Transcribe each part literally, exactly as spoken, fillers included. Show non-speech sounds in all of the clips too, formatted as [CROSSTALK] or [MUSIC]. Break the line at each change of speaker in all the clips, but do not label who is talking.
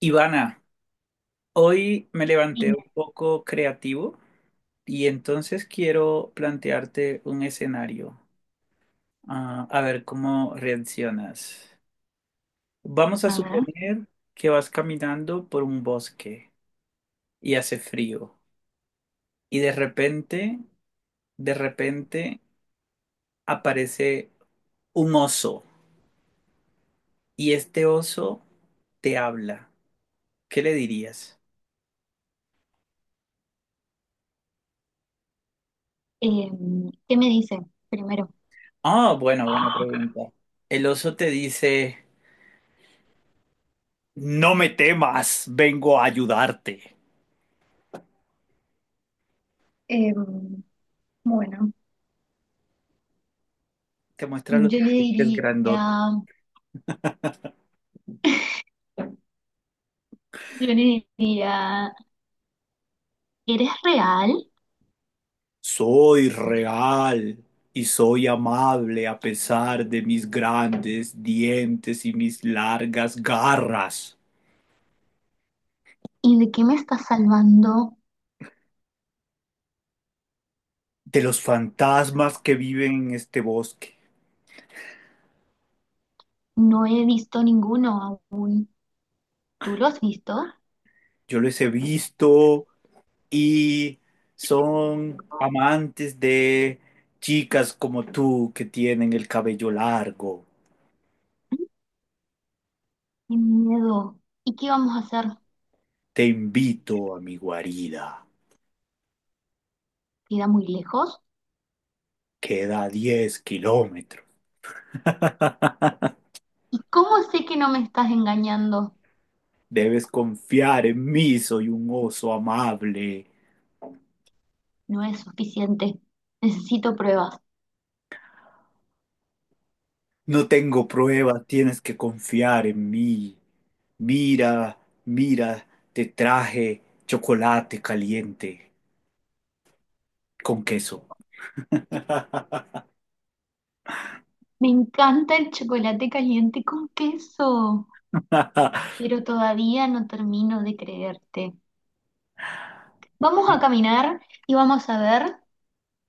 Ivana, hoy me levanté
Bien,
un poco creativo y entonces quiero plantearte un escenario, ah, a ver cómo reaccionas. Vamos a
a ver,
suponer que vas caminando por un bosque y hace frío y de repente, de repente aparece un oso y este oso te habla. ¿Qué le dirías?
em, ¿qué me dice primero?
Ah, bueno, buena pregunta. El oso te dice. No me temas, vengo a ayudarte.
Em, bueno,
Te muestra los
yo le
dientes grandotes.
diría, [LAUGHS] yo le diría, ¿eres real?
Soy real y soy amable a pesar de mis grandes dientes y mis largas garras.
¿Y de qué me estás salvando?
De los fantasmas que viven en este bosque.
No he visto ninguno aún. ¿Tú lo has visto?
Yo les he visto y son amantes de chicas como tú que tienen el cabello largo.
Qué miedo. ¿Y qué vamos a hacer?
Te invito a mi guarida.
¿Queda muy lejos?
Queda diez kilómetros. [LAUGHS]
¿Y cómo sé que no me estás engañando?
Debes confiar en mí, soy un oso amable.
No es suficiente. Necesito pruebas.
No tengo pruebas, tienes que confiar en mí. Mira, mira, te traje chocolate caliente con queso. [LAUGHS]
Me encanta el chocolate caliente con queso, pero todavía no termino de creerte. Vamos a caminar y vamos a ver.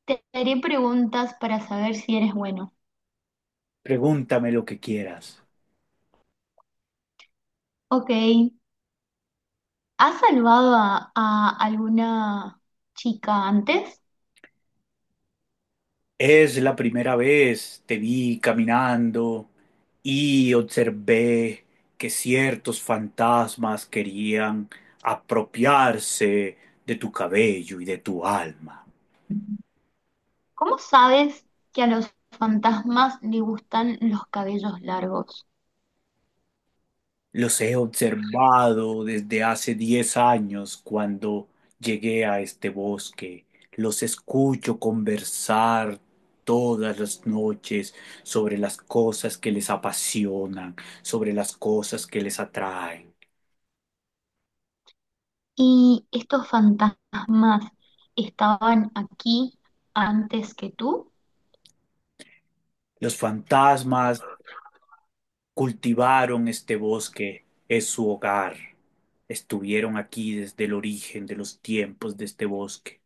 Te haré preguntas para saber si eres bueno.
Pregúntame lo que quieras.
Ok, ¿has salvado a, a alguna chica antes?
Es la primera vez te vi caminando y observé que ciertos fantasmas querían apropiarse de tu cabello y de tu alma.
¿Cómo sabes que a los fantasmas le gustan los cabellos largos?
Los he observado desde hace diez años cuando llegué a este bosque. Los escucho conversar todas las noches sobre las cosas que les apasionan, sobre las cosas que les atraen.
¿Y estos fantasmas estaban aquí antes que tú?
Los fantasmas cultivaron este bosque, es su hogar. Estuvieron aquí desde el origen de los tiempos de este bosque.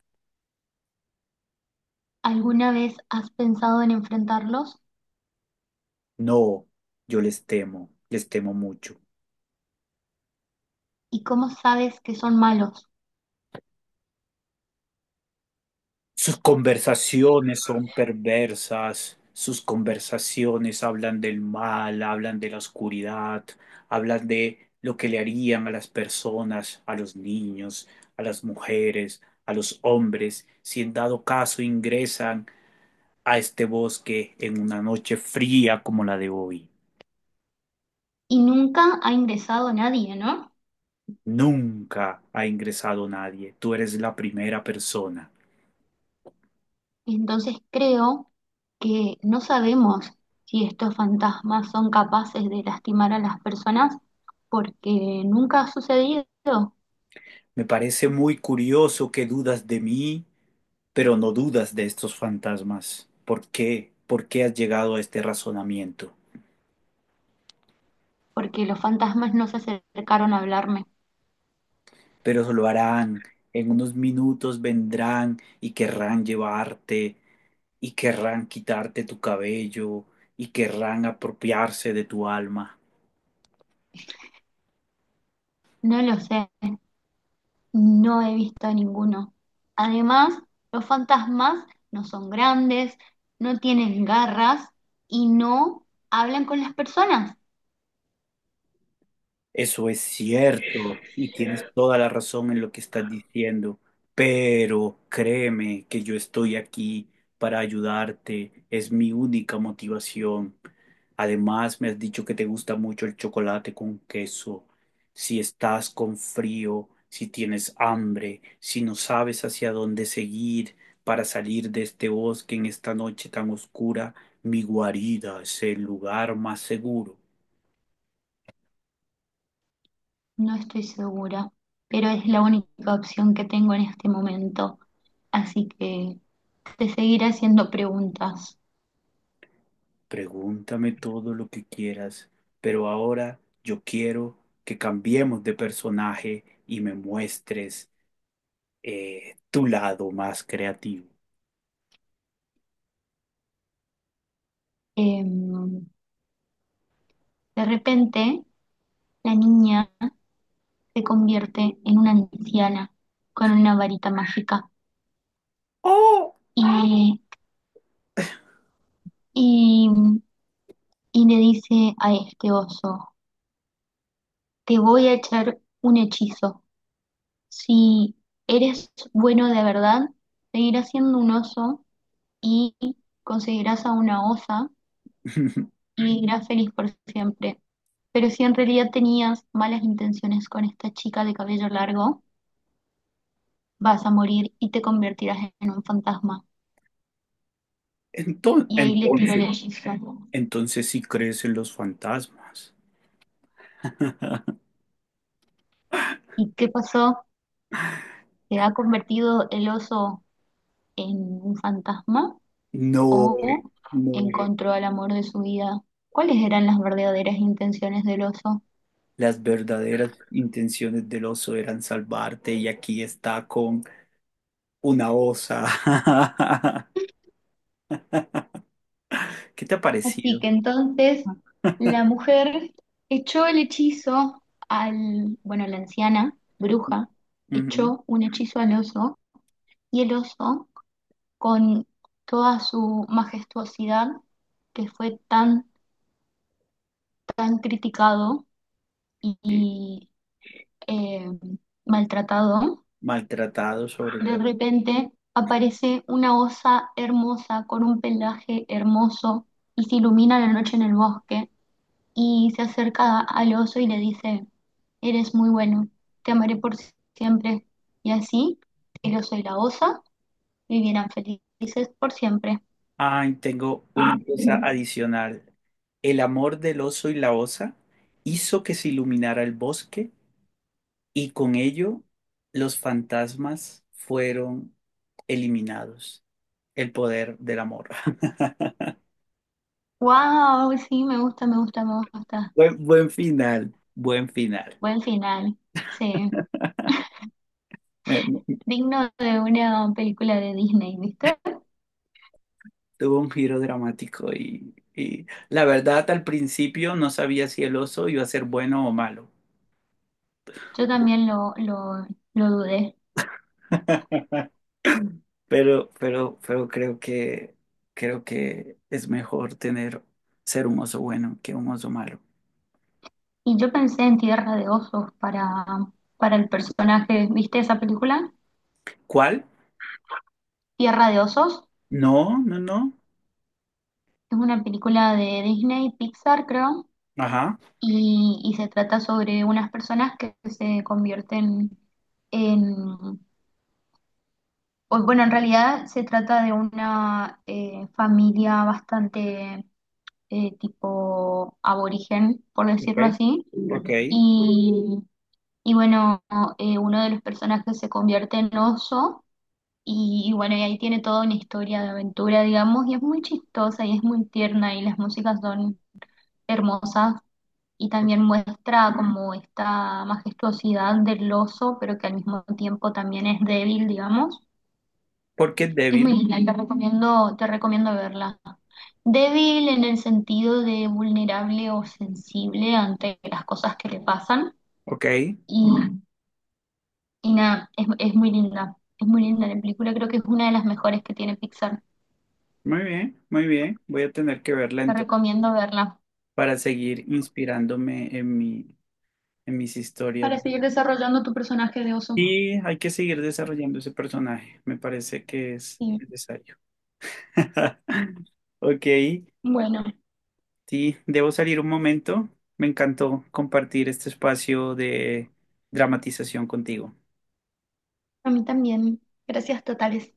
¿Alguna vez has pensado en enfrentarlos?
No, yo les temo, les temo mucho.
¿Y cómo sabes que son malos?
Sus conversaciones son perversas, sus conversaciones hablan del mal, hablan de la oscuridad, hablan de lo que le harían a las personas, a los niños, a las mujeres, a los hombres, si en dado caso ingresan a este bosque en una noche fría como la de hoy.
¿Y nunca ha ingresado nadie, no?
Nunca ha ingresado nadie. Tú eres la primera persona.
Entonces creo que no sabemos si estos fantasmas son capaces de lastimar a las personas porque nunca ha sucedido,
Me parece muy curioso que dudas de mí, pero no dudas de estos fantasmas. ¿Por qué? ¿Por qué has llegado a este razonamiento?
porque los fantasmas no se acercaron a hablarme.
Pero eso lo harán. En unos minutos vendrán y querrán llevarte y querrán quitarte tu cabello y querrán apropiarse de tu alma.
No lo sé, no he visto a ninguno. Además, los fantasmas no son grandes, no tienen garras y no hablan con las personas.
Eso es cierto y tienes toda la razón en lo que estás diciendo, pero créeme que yo estoy aquí para ayudarte, es mi única motivación. Además, me has dicho que te gusta mucho el chocolate con queso. Si estás con frío, si tienes hambre, si no sabes hacia dónde seguir para salir de este bosque en esta noche tan oscura, mi guarida es el lugar más seguro.
No estoy segura, pero es la única opción que tengo en este momento. Así que te seguiré haciendo preguntas.
Pregúntame todo lo que quieras, pero ahora yo quiero que cambiemos de personaje y me muestres eh, tu lado más creativo.
Em, de repente, la niña se convierte en una anciana con una varita mágica
¡Oh!
y, y, y le dice a este oso, te voy a echar un hechizo. Si eres bueno de verdad, seguirás siendo un oso y conseguirás a una osa
[LAUGHS]
y vivirás feliz por siempre. Pero si en realidad tenías malas intenciones con esta chica de cabello largo, vas a morir y te convertirás en un fantasma.
Enton-
Y ahí le tiró el
Entonces,
hechizo. [LAUGHS]
entonces, sí crees en los fantasmas.
¿Y qué pasó? ¿Se ha convertido el oso en un fantasma
No,
o
no.
encontró al amor de su vida? ¿Cuáles eran las verdaderas intenciones del oso?
Las verdaderas intenciones del oso eran salvarte y aquí está con una osa. [LAUGHS] ¿Qué te ha
Así
parecido?
que entonces la mujer echó el hechizo al, bueno, la anciana bruja
Ujú.
echó un hechizo al oso, y el oso con toda su majestuosidad, que fue tan, tan criticado
Eh,
y eh, maltratado,
Maltratado sobre
de
todo.
repente aparece una osa hermosa con un pelaje hermoso, y se ilumina la noche en el bosque, y se acerca al oso y le dice, eres muy bueno, te amaré por siempre. Y así, el oso y la osa vivieran felices por siempre.
Ay, tengo una cosa
[LAUGHS]
adicional. El amor del oso y la osa hizo que se iluminara el bosque y con ello los fantasmas fueron eliminados. El poder del amor. [LAUGHS]
Wow, sí, me gusta, me gusta, me gusta.
Buen, buen final, buen final.
Buen final. Sí,
Me- me-
digno de una película de Disney, ¿viste?
Tuvo un giro dramático y, y la verdad al principio no sabía si el oso iba a ser bueno o malo.
Yo también lo, lo, lo dudé.
Pero, pero, pero creo que, creo que es mejor tener, ser un oso bueno que un oso malo.
Y yo pensé en Tierra de Osos para, para el personaje, ¿viste esa película?
¿Cuál?
Tierra de Osos.
No, no, no.
Es una película de Disney, Pixar, creo.
Ajá,
Y, y se trata sobre unas personas que se convierten en, o, bueno, en realidad se trata de una eh, familia bastante eh, tipo aborigen, por
ok,
decirlo así,
ok.
y, y bueno, eh, uno de los personajes se convierte en oso. Y, y bueno, y ahí tiene toda una historia de aventura, digamos, y es muy chistosa y es muy tierna y las músicas son hermosas. Y también muestra como esta majestuosidad del oso, pero que al mismo tiempo también es débil, digamos.
Porque es
Es muy
débil.
linda, te recomiendo, te recomiendo verla. Débil en el sentido de vulnerable o sensible ante las cosas que le pasan.
Ok,
Y, y nada, es, es muy linda. Es muy linda la película, creo que es una de las mejores que tiene Pixar.
muy bien, muy bien. Voy a tener que verla
Te
entonces
recomiendo verla
para seguir inspirándome en mi, en mis historias.
para seguir desarrollando tu personaje de oso.
Y hay que seguir desarrollando ese personaje. Me parece que es
Sí.
necesario. [LAUGHS] Ok,
Bueno,
sí, debo salir un momento. Me encantó compartir este espacio de dramatización contigo.
a mí también. Gracias totales.